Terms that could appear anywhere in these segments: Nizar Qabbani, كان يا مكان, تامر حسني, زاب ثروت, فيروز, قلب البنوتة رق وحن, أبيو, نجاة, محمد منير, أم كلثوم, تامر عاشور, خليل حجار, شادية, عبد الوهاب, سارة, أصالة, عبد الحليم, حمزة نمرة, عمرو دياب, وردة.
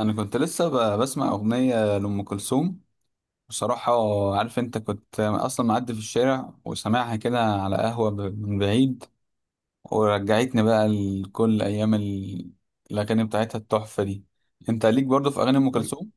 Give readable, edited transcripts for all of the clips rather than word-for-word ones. انا كنت لسه بسمع اغنيه لام كلثوم بصراحه. عارف انت، كنت اصلا معدي في الشارع وسامعها كده على قهوه من بعيد، ورجعتني بقى لكل ايام الاغاني بتاعتها التحفه دي. انت ليك برضو في اغاني ام ال- كلثوم؟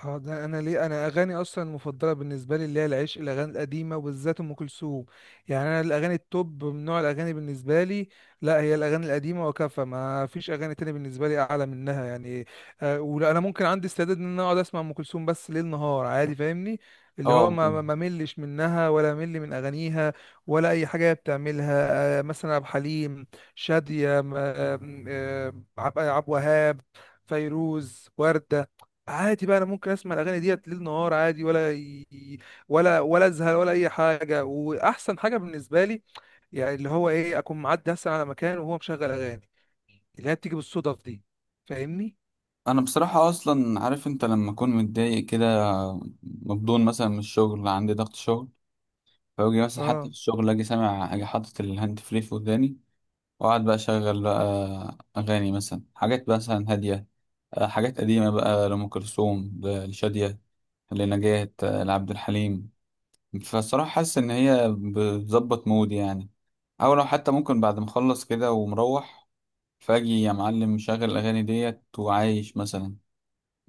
اه، ده انا ليه انا اغاني اصلا المفضله بالنسبه لي اللي هي العشق الاغاني القديمه وبالذات ام كلثوم. يعني انا الاغاني التوب من نوع الاغاني بالنسبه لي لا هي الاغاني القديمه وكفى، ما فيش اغاني تانية بالنسبه لي اعلى منها يعني. آه، ولا انا ممكن عندي استعداد ان انا اقعد اسمع ام كلثوم بس ليل نهار عادي، فاهمني؟ اللي هو اه ما ما طبعا. ما ملش منها ولا مل من اغانيها ولا اي حاجه هي بتعملها. آه، مثلا عبد الحليم، شاديه عبد الوهاب، فيروز، وردة. عادي بقى انا ممكن اسمع الاغاني ديت ليل نهار عادي، ولا ازهق ولا اي حاجه. واحسن حاجه بالنسبه لي يعني اللي هو ايه، اكون معدي اصلا على مكان وهو مشغل اغاني اللي هي بتيجي بالصدف دي، فاهمني؟ انا بصراحه اصلا، عارف انت، لما اكون متضايق كده، مبدون مثلا من الشغل، عندي ضغط شغل، فاجي مثلا حتى اه في الشغل اجي سامع، اجي حاطط الهاند فري في وداني واقعد بقى اشغل بقى اغاني، مثلا حاجات مثلا هاديه، حاجات قديمة بقى لأم كلثوم، لشادية، لنجاة، لعبد الحليم. فالصراحة حاسس إن هي بتظبط مود يعني. أو لو حتى ممكن بعد ما أخلص كده ومروح، فأجي يا معلم مشغل الأغاني ديت وعايش مثلا،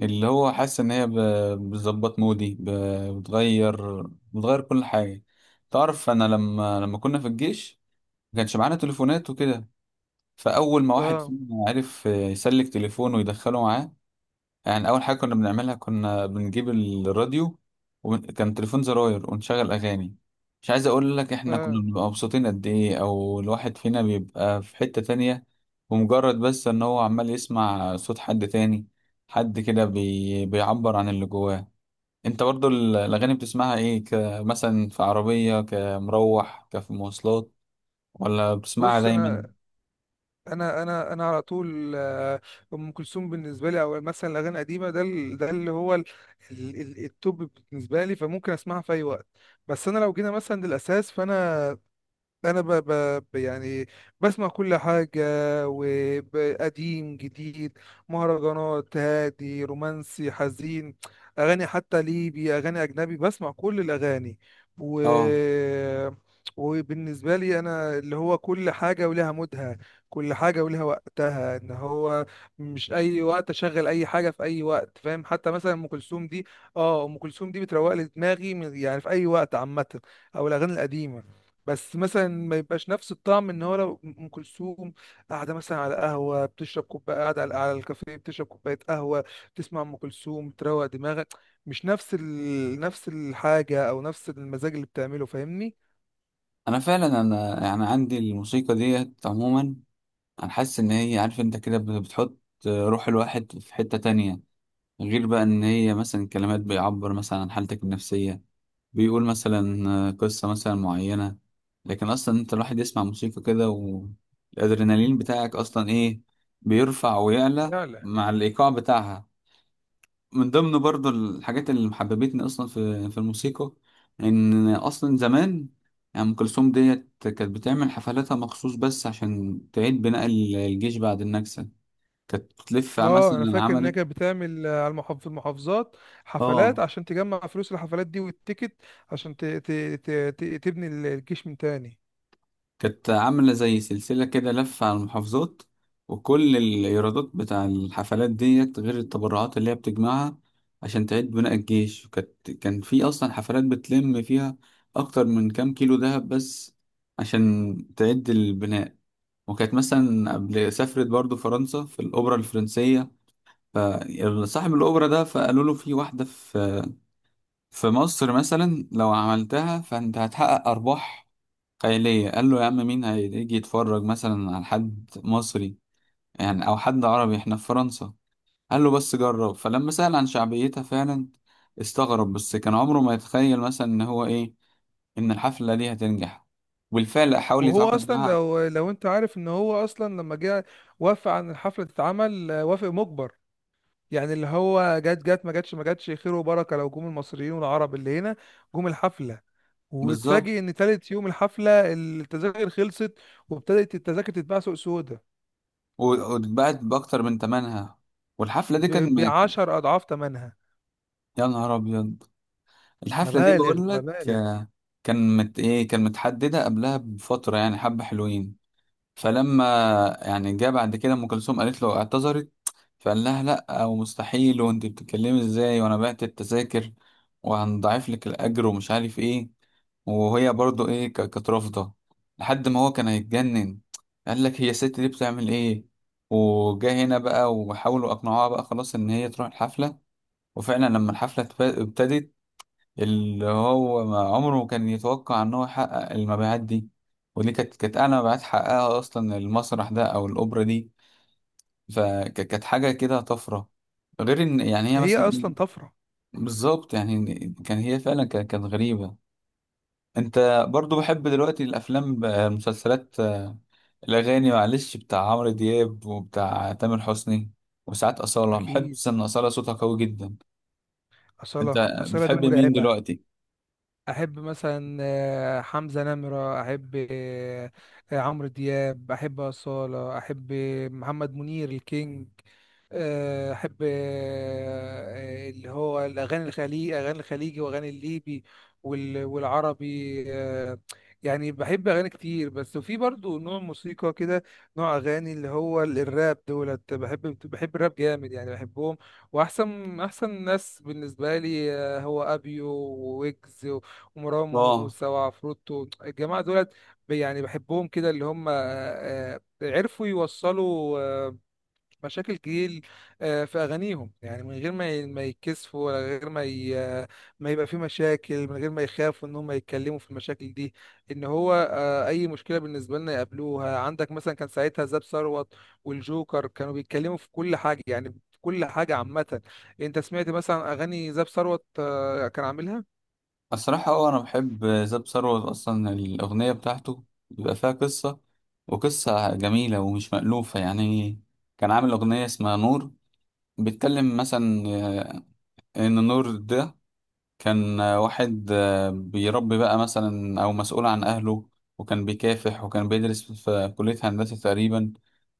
اللي هو حاسس إن هي بتظبط مودي، بتغير، بتغير كل حاجة. تعرف أنا لما كنا في الجيش ما كانش معانا تليفونات وكده، فأول ما واحد اه فينا عرف يسلك تليفونه ويدخله معاه، يعني اول حاجه كنا بنعملها كنا بنجيب الراديو، وكان تليفون زراير، ونشغل اغاني. مش عايز اقول لك احنا كنا اه بنبقى مبسوطين قد ايه، او الواحد فينا بيبقى في حته تانية ومجرد بس ان هو عمال يسمع صوت حد تاني، حد كده بيعبر عن اللي جواه. انت برضو الاغاني بتسمعها ايه، كمثلا في عربيه، كمروح، كفي مواصلات، ولا بتسمعها بص، دايما؟ انا انا على طول آه، ام كلثوم بالنسبه لي او مثلا الاغاني القديمه ده ده اللي هو التوب بالنسبه لي، فممكن اسمعها في اي وقت. بس انا لو جينا مثلا للاساس، فانا انا ب... ب... ب- يعني بسمع كل حاجه، وقديم جديد، مهرجانات، هادي، رومانسي، حزين، اغاني حتى ليبي، اغاني اجنبي، بسمع كل الاغاني. و اه، وبالنسبه لي انا اللي هو كل حاجه ولها مودها، كل حاجه ولها وقتها. ان هو مش اي وقت اشغل اي حاجه في اي وقت، فاهم؟ حتى مثلا ام كلثوم دي، اه ام كلثوم دي بتروق لي دماغي يعني في اي وقت عامه، او الاغاني القديمه. بس مثلا ما يبقاش نفس الطعم ان هو لو ام كلثوم قاعده مثلا على قهوه بتشرب كوبايه، قاعده على الكافيه بتشرب كوبايه قهوه، بتسمع ام كلثوم تروق دماغك، مش نفس نفس الحاجه او نفس المزاج اللي بتعمله، فاهمني؟ انا فعلا انا يعني عندي الموسيقى ديت عموما، انا حاسس ان هي، عارف انت، كده بتحط روح الواحد في حتة تانية. غير بقى ان هي مثلا كلمات بيعبر مثلا عن حالتك النفسية، بيقول مثلا قصة مثلا معينة. لكن اصلا انت الواحد يسمع موسيقى كده والادرينالين بتاعك اصلا ايه، بيرفع ويعلى لا لا. مع الايقاع بتاعها. من ضمن برضو الحاجات اللي محببتني اصلا في الموسيقى ان اصلا زمان، يعني ام كلثوم ديت كانت بتعمل حفلاتها مخصوص بس عشان تعيد بناء الجيش بعد النكسه. كانت بتلف اه، انا مثلا، فاكر ان هي عملت، كانت بتعمل آه، على المحافظ في المحافظات حفلات اه، عشان تجمع فلوس الحفلات دي والتيكت، عشان تبني الجيش من تاني. كانت عاملة زي سلسلة كده، لفة على المحافظات، وكل الإيرادات بتاع الحفلات ديت، غير التبرعات اللي هي بتجمعها، عشان تعيد بناء الجيش. وكانت، كان في أصلا حفلات بتلم فيها أكتر من كام كيلو دهب، بس عشان تعيد البناء. وكانت مثلا قبل سافرت برضو فرنسا في الأوبرا الفرنسية، فصاحب الأوبرا ده فقالوا له في واحدة في في مصر مثلا لو عملتها فأنت هتحقق أرباح خيالية. قال له يا عم مين هيجي يتفرج مثلا على حد مصري يعني أو حد عربي احنا في فرنسا. قال له بس جرب. فلما سأل عن شعبيتها فعلا استغرب، بس كان عمره ما يتخيل مثلا إن هو إيه، إن الحفلة دي هتنجح. وبالفعل حاول وهو يتعاقد اصلا، معاها. لو انت عارف، ان هو اصلا لما جه وافق عن الحفله تتعمل آه، وافق مجبر. يعني اللي هو جت ما جاتش، ما جاتش خير وبركه لو جم المصريين والعرب اللي هنا جم الحفله. بالظبط. وتفاجئ ان تالت يوم الحفله التذاكر خلصت، وابتدت التذاكر تتباع سوق سودا و- واتباعت بأكتر من تمنها، والحفلة دي كان ب 10 اضعاف ثمنها. يا نهار أبيض. الحفلة دي مبالغ بقول لك، مبالغ. آه، كان إيه، كان متحددة قبلها بفترة يعني حبة حلوين. فلما، يعني جه بعد كده ام كلثوم قالت له اعتذرت، فقال لها لا ومستحيل، وانت بتتكلمي ازاي وانا بعت التذاكر وهنضاعف لك الاجر ومش عارف ايه. وهي برضو ايه، كانت رافضه لحد ما هو كان هيتجنن، قال لك هي الست دي بتعمل ايه. وجا هنا بقى وحاولوا اقنعوها بقى خلاص ان هي تروح الحفله. وفعلا لما الحفله ابتدت، اللي هو ما عمره ما كان يتوقع ان هو يحقق المبيعات دي. ودي كانت، اعلى مبيعات حققها اصلا المسرح ده او الاوبرا دي. فكانت حاجه كده طفره، غير ان يعني هي هي مثلا إيه، اصلا طفره. بالظبط يعني. كان هي فعلا كانت غريبه. انت برضو بحب دلوقتي الافلام المسلسلات، آه، الاغاني معلش بتاع عمرو دياب وبتاع تامر حسني، وساعات اصاله، بحب اكيد. ان اصاله صوتها قوي جدا. اصاله، انت اصاله دي بتحب مين مرعبه. دلوقتي؟ احب مثلا آه، حمزة نمرة، احب آه، آه، عمرو دياب، احب أصالة، احب محمد منير الكينج، آه، احب آه، اللي هو الاغاني الخليجي، اغاني الخليجي واغاني الليبي والعربي آه،. يعني بحب اغاني كتير، بس وفي برضو نوع موسيقى كده، نوع اغاني اللي هو الراب دولت، بحب الراب جامد يعني، بحبهم. واحسن ناس بالنسبه لي آه، هو ابيو وويجز ومروان اه موسى وعفروتو، الجماعه دولت يعني بحبهم كده. اللي هم آه، آه، عرفوا يوصلوا آه، مشاكل كتير آه، في اغانيهم، يعني من غير ما ما يتكسفوا، ولا غير ما ما يبقى في مشاكل، من غير ما يخافوا ان هم يتكلموا في المشاكل دي. ان هو آه، اي مشكله بالنسبه لنا يقابلوها. عندك مثلا كان ساعتها زاب ثروت والجوكر كانوا بيتكلموا في كل حاجه، يعني في كل حاجه عامه. انت سمعت مثلا اغاني زاب ثروت آه، كان عاملها؟ الصراحة، اه، أنا بحب زاب ثروت. أصلا الأغنية بتاعته بيبقى فيها قصة، وقصة جميلة ومش مألوفة يعني. كان عامل أغنية اسمها نور، بيتكلم مثلا، إن نور ده كان، واحد، بيربي بقى مثلا أو مسؤول عن أهله، وكان بيكافح وكان بيدرس في كلية هندسة تقريبا،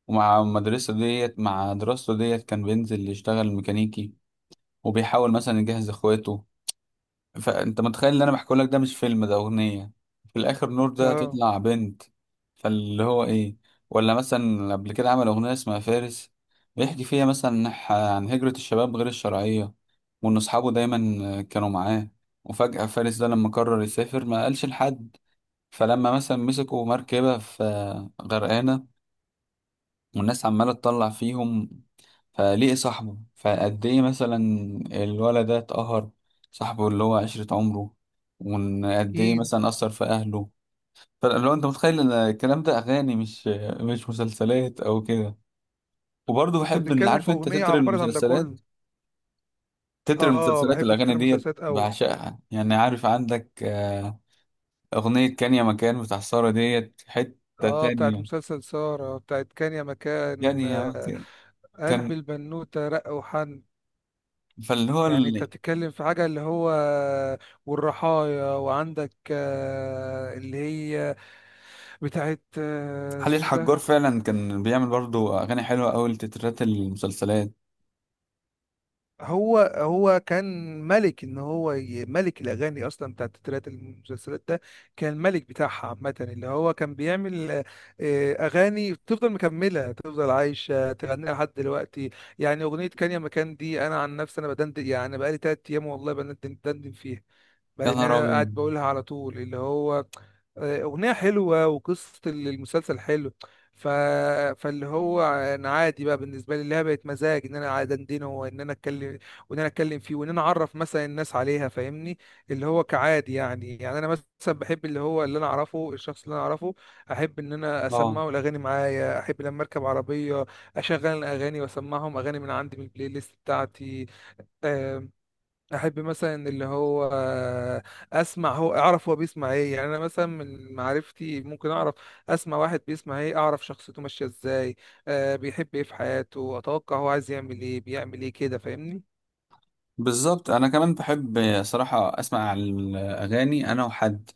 ومع المدرسة ديت، مع دراسته ديت، كان بينزل يشتغل ميكانيكي وبيحاول مثلا يجهز إخواته. فانت متخيل ان انا بحكي لك ده مش فيلم، ده اغنيه. في الاخر نور ده اه هتطلع بنت. فاللي هو ايه. ولا مثلا قبل كده عمل اغنيه اسمها فارس، بيحكي فيها مثلا عن هجره الشباب غير الشرعيه، وان اصحابه دايما كانوا معاه وفجاه فارس ده لما قرر يسافر ما قالش لحد. فلما مثلا مسكوا مركبه في غرقانه، والناس عماله تطلع فيهم، فليه صاحبه فقد ايه مثلا، الولد ده اتقهر، صاحبه اللي هو عشرة عمره، وقد ايه اكيد. مثلا أثر في أهله. فلو انت متخيل ان الكلام ده أغاني مش، مش مسلسلات أو كده. وبرضه انت بحب ان، بتتكلم عارف في انت، اغنيه تتر عبرت عن ده كله. المسلسلات، تتر اه، المسلسلات بحب الأغاني تتر ديت المسلسلات قوي. بعشقها يعني. عارف عندك، آه، أغنية كان يا مكان بتاع سارة ديت حتة اه، بتاعت تانية. مسلسل سارة، بتاعت كان يا مكان يعني يا آه،، مكان قلب كان. البنوتة رق وحن. فاللي هو يعني انت بتتكلم في حاجة اللي هو والرحايا، وعندك آه، اللي هي بتاعت آه، خليل اسمه ده. حجار فعلا كان بيعمل برضو اغاني حلوه قوي لتترات المسلسلات. هو كان ملك، ان هو ملك الاغاني اصلا بتاعت تترات المسلسلات ده، كان الملك بتاعها عامه. اللي هو كان بيعمل آه، آه، اغاني تفضل مكمله تفضل عايشه تغنيها لحد دلوقتي. يعني اغنيه كان يا مكان دي انا عن نفسي انا بدندن، يعني بقالي تلات ايام والله بندندن فيها، يا لان نهار انا ابيض. قاعد بقولها على طول، اللي هو آه، اغنيه حلوه وقصه المسلسل حلو. ف... فاللي هو انا عادي بقى بالنسبه لي اللي هي بقت مزاج، ان انا قاعد اندنه وان انا اتكلم، وان انا اتكلم فيه وان انا اعرف مثلا الناس عليها، فاهمني؟ اللي هو كعادي يعني. يعني انا مثلا بحب اللي هو اللي انا اعرفه، الشخص اللي انا اعرفه احب ان انا اه اسمعه الاغاني معايا. احب لما اركب عربيه اشغل الاغاني واسمعهم اغاني من عندي من البلاي ليست بتاعتي. احب مثلا اللي هو اسمع، هو اعرف هو بيسمع ايه، يعني انا مثلا من معرفتي ممكن اعرف اسمع واحد بيسمع ايه اعرف شخصيته ماشيه ازاي، آه، بيحب ايه في حياته، اتوقع هو عايز يعمل ايه، بيعمل ايه كده، فاهمني؟ بالظبط. انا كمان بحب صراحه اسمع الاغاني انا وحد،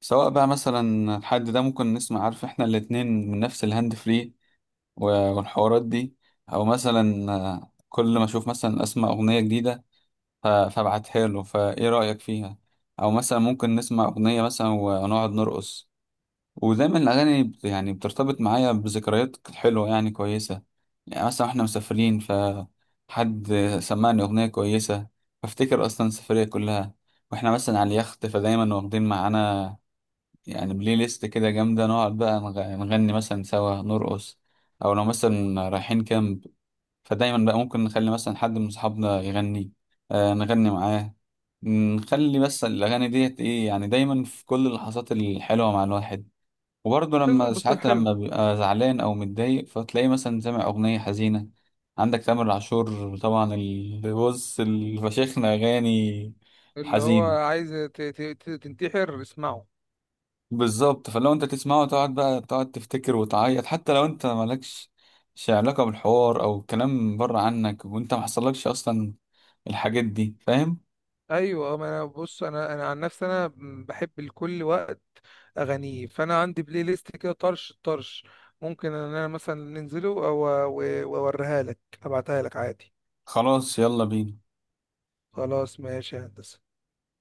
سواء بقى مثلا الحد ده ممكن نسمع، عارف احنا الاتنين من نفس الهاند فري والحوارات دي، او مثلا، آه، كل ما اشوف مثلا اسمع اغنيه جديده فابعتها له، فايه رايك فيها. او مثلا ممكن نسمع اغنيه مثلا ونقعد نرقص. ودايما الأغاني يعني بترتبط معايا بذكريات حلوة يعني كويسة. يعني مثلا احنا مسافرين، فحد سمعني أغنية كويسة، فافتكر أصلا السفرية كلها. واحنا مثلا على اليخت، فدايما واخدين معانا يعني بلاي ليست كده جامدة، نقعد بقى نغني مثلا سوا، نرقص. أو لو مثلا رايحين كامب، فدايما بقى ممكن نخلي مثلا حد من أصحابنا يغني، آه نغني معاه، نخلي بس الأغاني ديت إيه يعني دايما في كل اللحظات الحلوة مع الواحد. وبرضه مش لازم لما يبص لك ساعات حلو، لما بيبقى زعلان او متضايق، فتلاقيه مثلا سامع اغنيه حزينه. عندك تامر عاشور طبعا اللي بص الفشيخنا اغاني اللي هو حزين. عايز تنتحر اسمعه. بالظبط. فلو انت تسمعه تقعد بقى، تقعد تفتكر وتعيط، حتى لو انت مالكش شي علاقه بالحوار او كلام بره عنك وانت محصلكش اصلا الحاجات دي، فاهم. ايوه آه، ما انا بص، انا عن نفسي انا بحب لكل وقت اغانيه، فانا عندي بلاي ليست كده طرش طرش، ممكن ان انا مثلا ننزله واوريها لك، ابعتها لك عادي. خلاص يلا بينا. خلاص ماشي يا هندسة.